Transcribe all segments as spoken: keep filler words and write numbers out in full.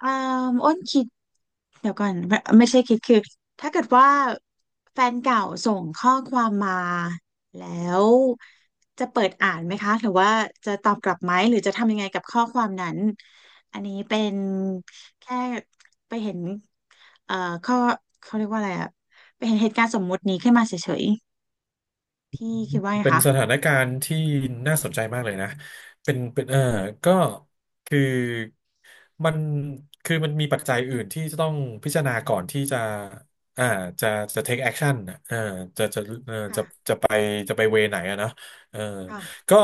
อ่าอ้นคิดเดี๋ยวก่อนไม่ไม่ใช่คิดคือถ้าเกิดว่าแฟนเก่าส่งข้อความมาแล้วจะเปิดอ่านไหมคะหรือว่าจะตอบกลับไหมหรือจะทำยังไงกับข้อความนั้นอันนี้เป็นแค่ไปเห็นเอ่อข้อเขาเรียกว่าอะไรอะไปเห็นเหตุการณ์สมมุตินี้ขึ้นมาเฉยๆพี่คิดว่าไงเป็นคะสถานการณ์ที่น่าสนใจมากเลยนะเป็นเป็นเออก็คือมันคือมันมีปัจจัยอื่นที่จะต้องพิจารณาก่อนที่จะอ่าจะจะ take action นะเออจะจะเออค่ะจะจะไปจะไปเวไหนอะเนอะเออค่ะก็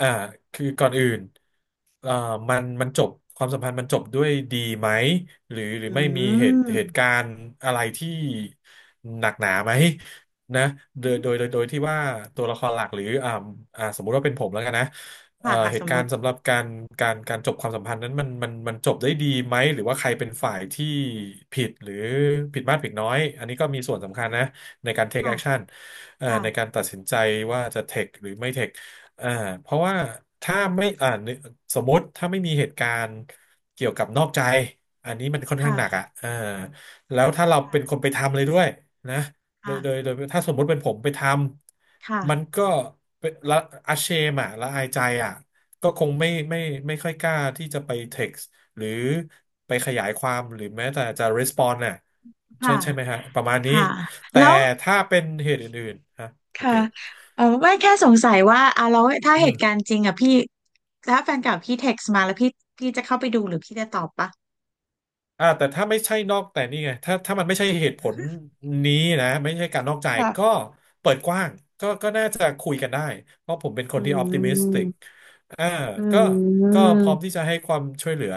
อ่าคือก่อนอื่นเอ่อมันมันจบความสัมพันธ์มันจบด้วยดีไหมหรือหรืออืไม่มีเหตุเหตุกามรณ์อะไรที่หนักหนาไหม นะโดอืยมโดยโดยโดยที่ว่าตัวละครหลักหรืออ่าอ่าสมมุติว่าเป็นผมแล้วกันนะเอ่ค่ะอค่ะเหสตุมกามุรติณ์สำหรับการการการจบความสัมพันธ์นั้นมันมันมันจบได้ดีไหมหรือว่าใครเป็นฝ่ายที่ผิดหรือผิดมากผิดน้อยอันนี้ก็มีส่วนสำคัญนะในการ take ค่ะ action เอ่อค่ะในการตัดสินใจว่าจะ take หรือไม่ take อ่าเพราะว่าถ้าไม่อ่าสมมติถ้าไม่มีเหตุการณ์เกี่ยวกับนอกใจอันนี้มันค่อนข้างหนักอ่ะค่ะอ่าแล้วถ้าเราเป็นคนค่ะไปทำเลยด้วยนะ โดยโดยค่ะโดยถ้าสมมติเป็นผมไปทำมันค่ะก็เป็นละอาเชมอ่ะละอายใจอ่ะก็คงไม่ไม่ไม่ค่อยกล้าที่จะไป text หรือไปขยายความหรือแม้แต่จะ respond น่ะใช่ค่ะ ใช่ไหมฮะประมาณนี้ค่ะแต่แล้วถ้าเป็นเหตุอื่นๆฮะโอเค ค่ะเออไม่แค่สงสัยว่าอ่ะแล้วถ้าเหตุการณ์จริงอ่ะพี่ถ้าแฟนเก่าพี่เท็กซ์มาแล้วพี่พี่จะเข้าไปดูหรือพี่จะตอบปะอ่าแต่ถ้าไม่ใช่นอกแต่นี่ไงถ้าถ้ามันไม่ใช่เหตุผลนี้นะไม่ใช่การนอกใจค่ะก็เปิดกว้างก็ก็น่าจะคุยกันได้เพราะผมเป็นคอืนที่ออ t ติมิสติกมอ่าอืก็ก็มพร้อมที่จะให้ความช่วยเหลือ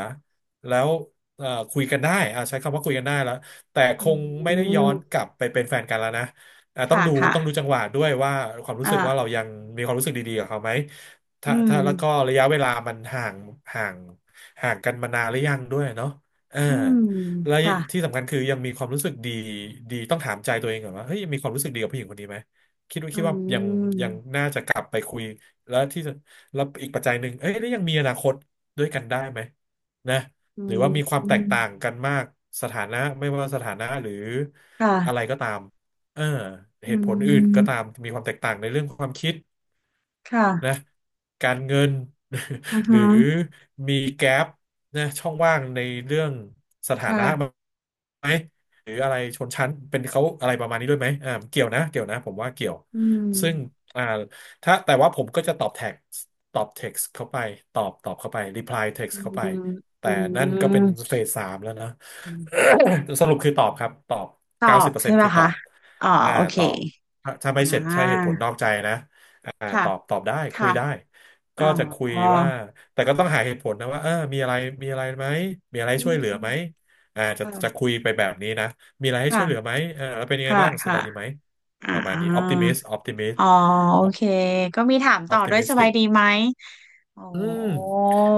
แล้วเอ่อคุยกันได้อ่าใช้คำว่าคุยกันได้แล้วแต่คอืงไม่ได้ย้อนมกลับไปเป็นแฟนกันแล้วนะอ่าต้อค่ะงดูต้องดูค่ะจังหวะด้วยว่าความรู้สึกว่าอ่าเรายังมีความรู้สึกดีๆกับเขาไหมอืถ้ามถ้าแล้วก็ระยะเวลามันห่างห่างห่างกันมานานหรือยังด้วยเนาะ อ่าอืมและค่ะที่สำคัญคือยังมีความรู้สึกดีดีต้องถามใจตัวเองก่อนว่าเฮ้ยยังมีความรู้สึกดีกับผู้หญิงคนนี้ไหมคิดว่าอืคิดว่ายังยัมงน่าจะกลับไปคุยแล้วที่แล้วอีกปัจจัยหนึ่งเอ้ยแล้วยังมีอนาคตด้วยกันได้ไหมนะอืหรือว่ามีความแตกมต่างกันมากสถานะไม่ว่าสถานะหรืออะไรค่ะก็ตามเอออืเหตุผลอื่นก็ตามมมีความแตกต่างในเรื่องความคิด นะค่ะการเงิน อือ หรืฮึอมีแกลบนะช่องว่างในเรื่องสถานะไค่ะหมหรืออะไรชนชั้นเป็นเขาอะไรประมาณนี้ด้วยไหมอ่าเกี่ยวนะเกี่ยวนะผมว่าเกี่ยวอืมซึ่งอ่าถ้าแต่ว่าผมก็จะตอบแท็กตอบเท็กซ์เข้าไปตอบตอบเข้าไป reply อื text เข้าไปมแต่อืนั่นก็เป็นเฟสสามแล้วนะ ม สรุปคือตอบครับตอบตอเก้าสิบบเปอร์เซ็ใช่นต์ไหมคือตอคะ บอ๋ออ่าโอเคตอบถ้าไม่อ่เสร็จใช่เหตุผาลนอกใจนะ อ่าตค่ะ อบตอบได้คุยค่ะ ได้อ๋ก็อจะคุยว่าแต่ก็ต้องหาเหตุผลนะว่าเออมีอะไรมีอะไรไหมมีอะไรให้อืช่วยเหลือมไหมอ่าจะจะค่ะคุยไปแบบนี้นะมีอะไรให้ช่ค่ะวยเหลือไหมเออแล้วเป็นยังไงค่ะบ้างสค่ะบายดีไหมอ่ประมาณนี้ออ t ติามิสออ t ติมิสอ๋อโออเค ก็มีถามอ ต่อ t ติด้วยมิสสบาติยกดีไหมโอ้อืม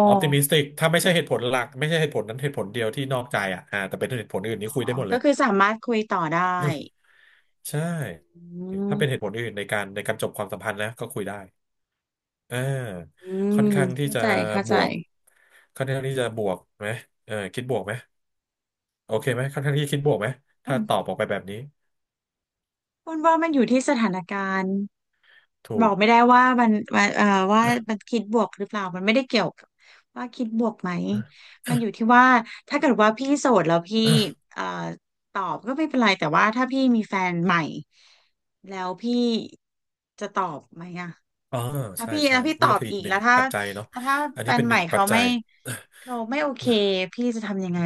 ออ t ติมิสติกถ้าไม่ใช่เหตุผลหลักไม่ใช่เหตุผลนั้นเหตุผลเดียวที่นอกใจอ่ะอ่าแต่เป็นเหตุผลอื่นนี่คุยอ๋ได้อ หมดเลก็ยคือสามารถคุยต่อได้ใช่อืถ้าเป็นเหตุมผลอื่นในการในการจบความสัมพันธ์นะก็คุยได้ อ่าอืค่มอนข้างที่เข้าจะใจเข้าบใจ วกค่อนข้างที่จะบวกไหมเออคิดบวกไหมโอเคไหมค่อนข้างที่จะคิดบวกไหมถ้าตอบออกไปแบบนี้คุณว่ามันอยู่ที่สถานการณ์ถูบอก กไม่ได้ว่ามันมันเอ่อว่ามันคิดบวกหรือเปล่ามันไม่ได้เกี่ยวกับว่าคิดบวกไหมมันอยู่ที่ว่าถ้าเกิดว่าพี่โสดแล้วพี่เอ่อตอบก็ไม่เป็นไรแต่ว่าถ้าพี่มีแฟนใหม่แล้วพี่จะตอบไหมอะ อ๋อถ้าใช่พี่แล้ใช่วพี่ตนี่อก็บคืออีอีกกหนึ่แล้งวถ้าปัจจัยเนาะแล้วถ้าอันแฟนี้นเป็นหใหนึ่ม่งปัเขาจจัไม่ย เขาไม่โอเคพี่จะทำยังไง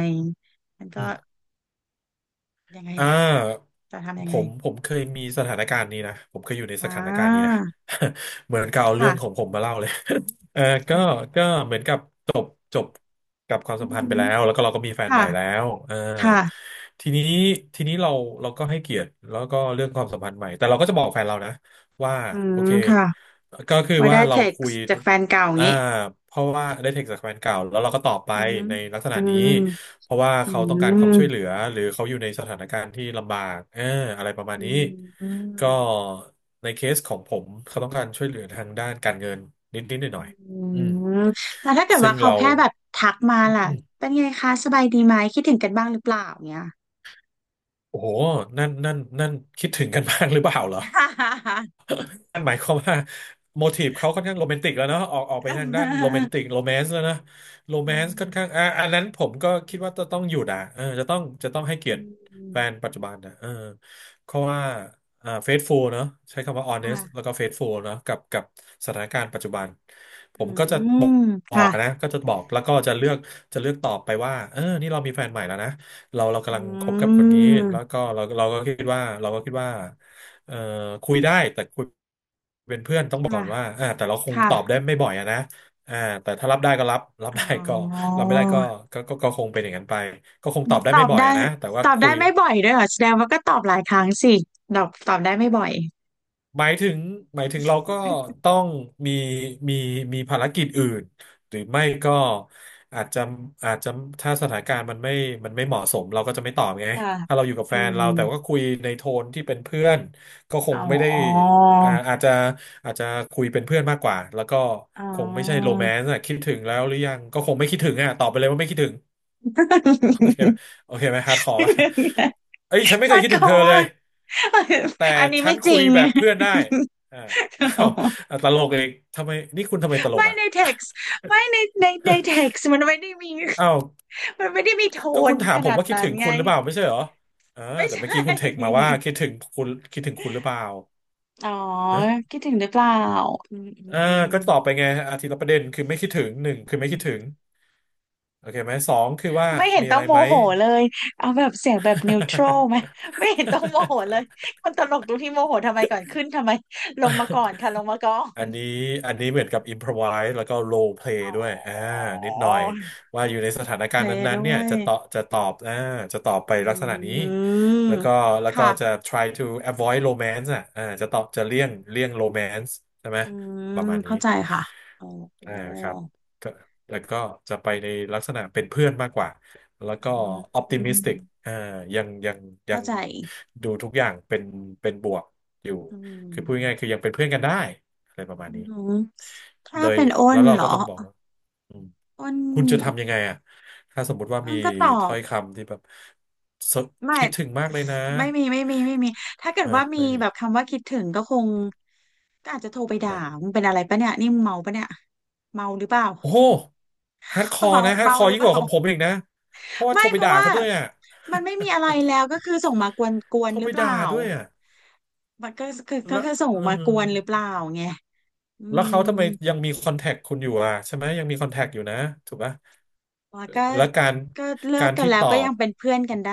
มัน อืก็ม ยังไงอ่ล่ะาจะทำยัผงไงมผมเคยมีสถานการณ์นี้นะผมเคยอยู่ในอ่สถานการณ์นี้นะ า เหมือนกับเอาเรื่องขอค่ะ งผมมาเล่าเลย เออก็ก็เหมือนกับจบจบกับความอืสัมอพันหืธ์ไปอแล้วแล้วก็เราก็มีแฟนใหค่ะม่แล้วเออค่ะทีนี้ทีนี้เราเราก็ให้เกียรติแล้วก็เรื่องความสัมพันธ์ใหม่แต่เราก็จะบอกแฟนเรานะว่าอืโอมเคค่ะก็คือว่าได้ว่าเราเท็กคุยซ์จากแฟนเก่าอย่างอ่านี้เพราะว่าได้เทคจากแฟนเก่าแล้วเราก็ตอบไปอือหือในลักษอืณะนี้ มเพราะว่าอืเขาต้องการความมช่วยเหลือหรือเขาอยู่ในสถานการณ์ที่ลำบากเอออะไรประมาณอืนี้มอืก็มในเคสของผมเขาต้องการช่วยเหลือทางด้านการเงินนิดๆหน่อยอืๆอืมมแล้วถ้าเกิดซึ่ว่างเขาเราแค่แบบทักมาล่ะอืมเป็นไงคะสบายดีไหมคิดถึงกันบ้างหรือเปล่าเงี้ย โอ้โหนั่นนั่นนั่นคิดถึงกันมากหรือเปล่าเหรอ ฮ่าฮ่าฮ่านั่นหมายความว่าโมทีฟเขาค่อนข้างโรแมนติกแล้วเนาะออกออกไปอืทางด้านโรแมนมติกโรแมนซ์แล้วนะโรแมอืนซ์ค่อนข้างอ่ะอันนั้นผมก็คิดว่าจะต้องหยุดอ่ะเออจะต้องจะต้องให้เกียรติมอืมแฟนปัจจุบันนะเออเพราะว่าอ่าเฟซฟูลเนาะใช้คำว่าออเนสค่ะแล้วก็เฟซฟูลเนาะกับกับสถานการณ์ปัจจุบันผอืมก็จะบมอค่ะกนะก็จะบอกแล้วก็จะเลือกจะเลือกตอบไปว่าเออนี่เรามีแฟนใหม่แล้วนะ เราเราอืกำลังคบกับคนนี้แล้วมก็เราเราก็คิดว่าเราก็คิดว่าเอ่อคุยได้แต่คุยเป็นเพื่อนต้องบอกก่ค่ะอนว่าอ่าแต่เราคงค่ะตอบได้ไม่บ่อยอะนะอ่าแต่ถ้ารับได้ก็รับรับอ๋ได้ก็อ รับไม่ได้ก็ก็ก็ก็คงเป็นอย่างนั้นไปก็คงตอบได้ตไม่อบบ่อยได้อะนะแต่ว่าตอบคุได้ย ไม่บ่อยด้วยเหรอแสดงว่าก็ตอบหลายครั้งสิตอบตอบได้ไม่บ่อยหมายถึงหมายถึงเราก็ต้องมีมีมีภารกิจอื่นหรือไม่ก็อาจจะอาจจะถ้าสถานการณ์มันไม่มันไม่เหมาะสมเราก็จะไม่ตอบไงค่ะถ้าเราอยู่กับอืแฟนมเราแต่ว่าคุยในโทนที่เป็นเพื่อนก็คอ๋งไม่ได้ออ่าอาจจะอาจจะคุยเป็นเพื่อนมากกว่าแล้วก็อ๋คงไม่ใช่โรอ แมนต์อะคิดถึงแล้วหรือยังก็คงไม่คิดถึงอะตอบไปเลยว่าไม่คิดถึง คไหมโอเคไหมฮาร์ดคอร์ป่ะเอ้ยฉัน ไม่เคคายดคิดถึงเขาเธอเลว่ายแต่อันนี้ฉัไม่นจคุริยง แบบเพื่อนได้อ่าอ้าว อ่ะตลกอีกทำไมนี่คุณทำไมตลกไม่อ่ะในเท็ก์ไม่ในในในเท็ก์มันไม่ได้มีอ้าวมันไม่ได้มีโทก็คุนณถาขมผนามดว่าคิดนั้นถึงไงคุณหรือเปล่าไม่ใช่เหรอเออไม่แต่เมื่อใช่กี้คุณเทคมาว่าคิดถึงคุณคิดถึงคุณหรือเปล่าอ๋อนะคิดถึงหรือเปล่าอืมอืมเอออืม ก็ตอบไปไงอาทตย์ละประเด็นคือไม่คิดถึงหนึ่งคือไม่คิดถึงโอเคไหมสองคือว่าไม่เห็นมีต้อะอไรงโมไหม โหเลย เอาแบบเสียงแบบนิวทรัลไหมไม่เห็นต้องโมโหเลยคนตลกตรงที่โมโหทำไมก่อนขึ้นทำไมลงมาก่อน ค่ะลงมาก่ออันนนี้อันนี้เหมือนกับอิ p พร v i s e แล้วก็โร p เพลย์ด้วยอ่านิอ๋ดหน่ออยว่าอยู่ในสถาโรนลเพการลณ์ย์นั้ด้นๆเนี่วยยจะตอบจะตอบอ่าจะตอบไปอืลักษณะนี้มแล้วก็แล้วก็ค่ะจะ try to avoid romance อ่ะอ่าจะตอบจะเลี่ยงเลี่ยง romance ใช่ไหมอืมประมาณนี้เข้าใจค่ะโอ้โหอ่าครับก็แล้วก็จะไปในลักษณะเป็นเพื่อนมากกว่าแล้วอืก็ มอืม optimistic อ t ติมิสติกอ่ายังยังยัเข้างใจดูทุกอย่างเป็นเป็นบวกอยู่อืคือพูดมง่ายๆคือยังเป็นเพื่อนกันได้ อะไรประมาอืณนี้มถ้าโดยเป็นอ้แล้นวเราเหรอ ก็ต้องบอกว่าอืมอ้นคุณจะทำยังไงอ่ะถ้าสมมุติว่าอ้มีนก็ตอถ้อบ ยคำที่แบบสไม่คิดถึงมากเลยนะไม่มีไม่มีไม่มีถ้าเกิดฮะว่ามีไม่มีแบบคำว่าคิดถึงก็คงก็อาจจะโทรไปด่าอ่ะมึงเป็นอะไรปะเนี่ยนี่มึงเมาปะเนี่ยเมาหรือเปล่า โอ้โหฮาร์ดคอ ร์เมานะฮาร์ดเมาคอหร์รือยิ่เปงกล่าว่าของผมอีกนะ เพราะว่าไม่โทรไปเพราะด่าว่าเขาด้วยอ่ะ มันไม่มีอะไรแล้วก็คือส่งมากวนกว นโทรหรืไปอเปล่าด่าด้วยอ่ะมันก็คือก็แล้วคือส่งอืมามกวนหรือเปล่าไงอืแล้วเขามทำไมยังมีคอนแทคคุณอยู่อ่ะใช่ไหมยังมีคอนแทคอยู่นะถูกปะแล้วก็แล้วการก็เลิกากรกันที่แล้ตวอก็ยับงเป็นเพื่อนกันได้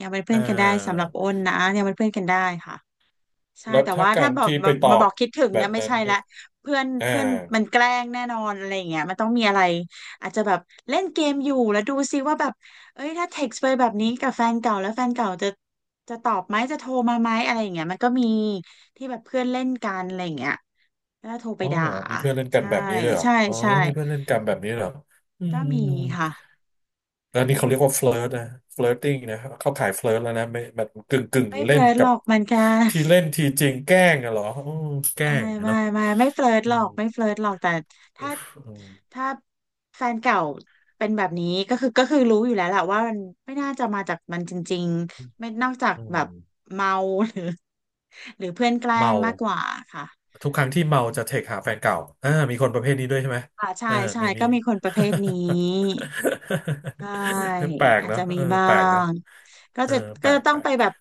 ยังเป็นเพื่เอ่ออ นกันได้สำหรับอ้นนะยังเป็นเพื่อนกันได้ค่ะ ใช่แล้วแต่ถ้าว่ากาถ้ารบอกที่แบไปบตอมาบบอกคิดถึงแบเนี่ยบไม่นั้นใช่เนี่ละยเพื่อนอ่าเพื่อนมันแกล้งแน่นอนอะไรอย่างเงี้ยมันต้องมีอะไรอาจจะแบบเล่นเกมอยู่แล้วดูซิว่าแบบเอ้ยถ้าเท็กซ์ไปแบบนี้กับแฟนเก่าแล้วแฟนเก่าจะจะตอบไหมจะโทรมาไหมอะไรอย่างเงี้ยมันก็มีที่แบบเพื่อนเล่นกันอะไรอย่างเงี้ยแล้วโทรไปอ๋อด่าเหรอมีเพื่อนเล่นกันใช่แบบนี้ด้วยเหรอใช่อ๋อใช่มีเพื่อนเล่นกันแบบนี้เหรออืมก็อืมมีอืมค่ะแล้วนี่เขาเรียกว่าเฟ i ร์นะเฟ i ร์ติ้งนะเข้าข่ายเฟ i ร์แล้วนะไม่นกึ่งกึ่งไม่เฟเล่นลิร์ตหกัรบอกมันกัน ที่เล่นทีจริงแกล้งอะเหรออืมแกล้อ่างอะไม่เนาะไม่ไม่เฟลิร์ตอืหรอมกไม่เฟลิร์ตหรอกแต่ถ้าอืมถ้าแฟนเก่าเป็นแบบนี้ก็คือก็คือรู้อยู่แล้วแหละว่ามันไม่น่าจะมาจากมันจริงๆไม่นอกจากอืแบบมเมาหรือหรือเพื่อนแกล้เมางมากกว่าค่ะทุกครั้งที่เมาจะเทคหาแฟนเก่าอ่า มีคนประเภทนี้ด้วยใช่ไหมอ่าใช่อ่าใช่มีมี ก็มีคนประเภทนี้ใช่ แปลกอาจเนาะจะมีเออบ้าแปลกนะ งก็เออจะแปก็ลจะกต้อแปงลไปกแบบ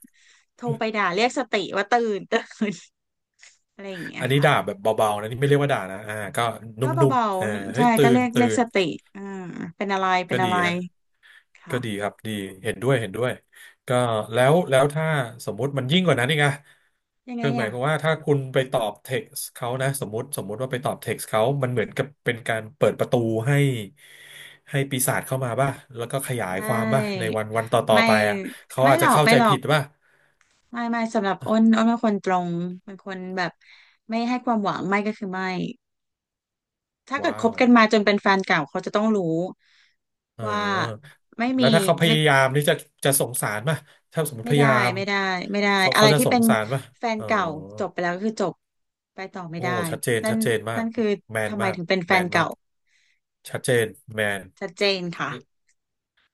โทรไปด่าเรียกสติว่าตื่นตื่น อะไรอย่างเงี้อัยนนี้ค่ะ ด่าแบบเบาๆนะนี่ไม่เรียกว่าด่านะอ่าก็นุก็่มเบาๆเออๆเฮ้ใช่ยตื่ก็นเรียกเรีตื่ยกนสติอ่าเป็นอะไรเป็ก็นดีอะไรฮะก็ค่ะดีครับดีเห็นด้วยเห็นด้วยก็แล้วแล้วถ้าสมมุติมันยิ่งกว่านั้นอีกอะยังไงคือหมายอ่ะความว่าถ้าคุณไปตอบเท็กซ์เขานะสมมติสมมุติว่าไปตอบเท็กซ์เขามันเหมือนกับเป็นการเปิดประตูให้ให้ปีศาจเข้ามาป่ะแล้วก็ขยายไม่ความป่ะในวันวันต่อไม่ๆไปอะเขาไม่อาจหรจะอกเข้าไม่ใจหรอผิกดป่ะไม่ ไม่สำหรับอ้นอ้นเป็นคนตรงเป็นคนแบบไม่ให้ความหวังไม่ก็คือไม่ถ้าเกิดว้าคบว กันมาจนเป็นแฟนเก่าเขาจะต้องรู้เอว่าอไม่แล้มีวถ้าเขาพไม่ยายามที่จะจะสงสารป่ะถ้าสมมติไม่พยาได้ยามไม่ได้ไม่ได้เขาอะเขาไรจะที่สเป็งนสารป่ะแฟนเออเก่าจบไปแล้วก็คือจบไปต่อไม่โอ้ได้ชัดเจนนั่ชันดเจนมานั่กนคือแมนทำไมมากถึงเป็นแฟแมนนมาเก่ากชัดเจนแมน ชัดเจนค่ะ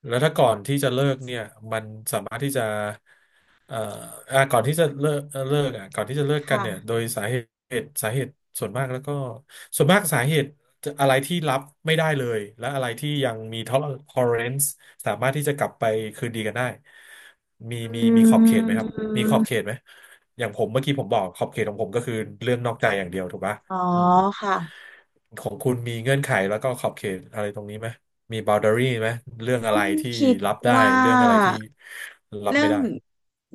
แล้วถ้าก่อนที่จะเลิกเนี่ยมันสามารถที่จะเอ่ออ่ะก่อนที่จะเลิกเอ่อเลิกอ่ะก่อนที่จะเลิกกันเนี่ยโดค่ะ ยสาเหตุสาเหตุส่วนมากแล้วก็ส่วนมากสาเหตุจะอะไรที่รับไม่ได้เลยและอะไรที่ยังมี tolerance สามารถที่จะกลับไปคืนดีกันได้มีมีอืมีขอบเขตไหมครับมีขอบเขตมไหมอย่างผมเมื่อกี้ผมบอกขอบเขตของผมก็คือเรื่องนอกใจอย่างเดียวถูกปะอ๋ออืม ค่ะของคุณมีเงื่อนไขแล้วก็ขอบเขตอะไรตรงนี้ไหมมี boundary ไหมเรื่องอะต้ไรนที่คิดรับได้ว่เรื่องอะไราที่รับเรื่อไม่งได้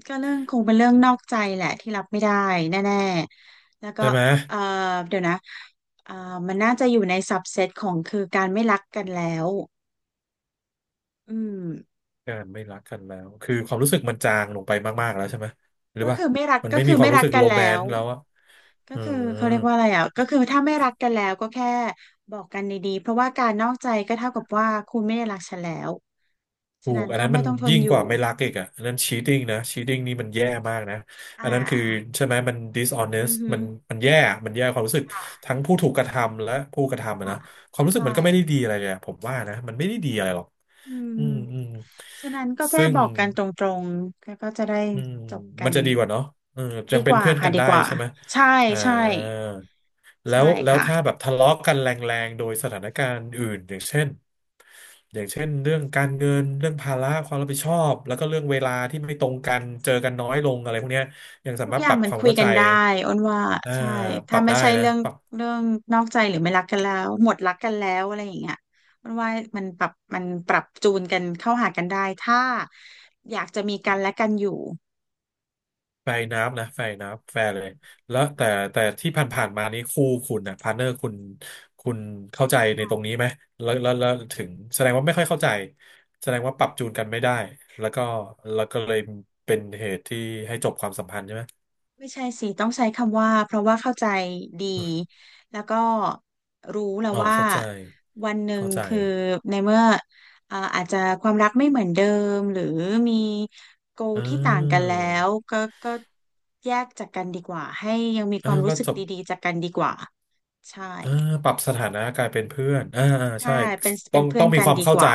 ก็เรื่องคงเป็นเรื่องนอกใจแหละที่รับไม่ได้แน่ๆแล้วก็ใช่ไหมเอ่อเดี๋ยวนะเอ่อมันน่าจะอยู่ในซับเซตของคือการไม่รักกันแล้วอืมการไม่รักกันแล้วคือความรู้สึกมันจางลงไปมากๆแล้วใช่ไหมหรือก็ว่าคือไม่รักมันก็ไม่คืมีอควาไม่มรู้รักสึกกันโรแมแล้นวต์แล้วอะก็อืคือม เขาเรียกว่าอะไรอ่ะก็คือถ้าไม่รักกันแล้วก็แค่บอกกันดีๆเพราะว่าการนอกใจก็เท่ากับว่าคุณไม่ได้รักฉันแล้วถูฉะนั้กนอันก็นั้นไม่มันต้องทนยิ่งอกยู่ว่าไม่รักอีกอ่ะอันนั้น cheating นะ cheating นี่มันแย่มากนะอัอ่า นนั้นคือใช่ไหมมัน อื dishonest อฮึมันมันแย่อมันแย่ความรู้สึกค่ะทั้งผู้ถูกกระทำและผู้กระทำอะค่ะนะความรู้สึกใช่มันก็ไม่ได้ดีอะไรเลยอะผมว่านะมันไม่ได้ดีอะไรหรอกอือืมมอืมฉะนั้นก็แค่ซึ่ง บอกกันตรงๆ แล้วก็จะได้อืมจบกัมันนจะดีกว่าเนาะเออยัดีงกเป็นว่าเพื่อนค่ะกันดีได้กว่าใช่ไหมใช่อ่าใช่แล้วใช่แล้วค่ะ ถ้าแบบทะเลาะกันแรงๆโดยสถานการณ์อื่นอย่างเช่นอย่างเช่นเรื่องการเงินเรื่องภาระความรับผิดชอบแล้วก็เรื่องเวลาที่ไม่ตรงกันเจอกันน้อยลงอะไรพวกเนี้ยยังสาทุกมารอถย่าปงรับมันความคุยเข้ากัใจนได้อ้นว่าอ่าใช่ปถ้ารับไม่ได้ใช่นะเรื่องปรับ เรื่องนอกใจหรือไม่รักกันแล้วหมดรักกันแล้วอะไรอย่างเงี้ยอ้นว่ามันปรับมันปรับจูนกันเข้าหากันได้ถ้าอยากจะมีกันและกันอยู่ แฟร์นับนะแฟร์น้ำแฟร์เลยแล้วแต่แต่ที่ผ่านๆมานี้คู่คุณนะพาร์เนอร์คุณคุณเข้าใจในตรงนี้ไหมแล้วแล้วแล้วถึงแสดงว่าไม่ค่อยเข้าใจแสดงว่าปรับจูนกันไม่ได้แล้วก็แล้วก็เลยเป็นเหตุที่ให้จบความสัมพันธ์ใช่ไหมไม่ใช่สิต้องใช้คำว่าเพราะว่าเข้าใจดีแล้วก็รู้แล้วอ๋อว่าเข้าใจวันหนึ่งเข้าใจคือในเมื่อเอ่ออาจจะความรักไม่เหมือนเดิมหรือมีโก a อ่ที่ต่างกันาแล้วก็ก็แยกจากกันดีกว่าให้ยังมีคอ่าวามรู้ก็สึกจบ ดีๆจากกันดีกว่าใช่เออปรับสถานะกลายเป็นเพื่อนอ่าอ่าใช่ใช่เป็นต้เป็อนงเพื่อต้อนงมีกันความดีเข้ากใจว่า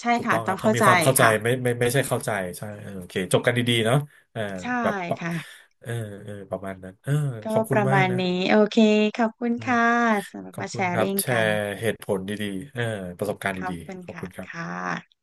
ใช่ถูกค่ะต้องต้คอรังบต้อเข้างมีใจความเข้าใจค่ะไม่ไม่ไม่ใช่เข้าใจใช่เออโอเคจบกันดีๆเนาะเออใช่แบบปะค่ะเออเออประมาณนั้นเออขก็อบปคุณระมามากณนะนี้โอเคขอบคุณอืมค่ะสำหรับขอบมาแชคุณคร์รับริ่งแชกัน ร์เหตุผลดีๆเออประสบการณ์ขอบดีคุณๆขอบค่ะคุณครับค่ะ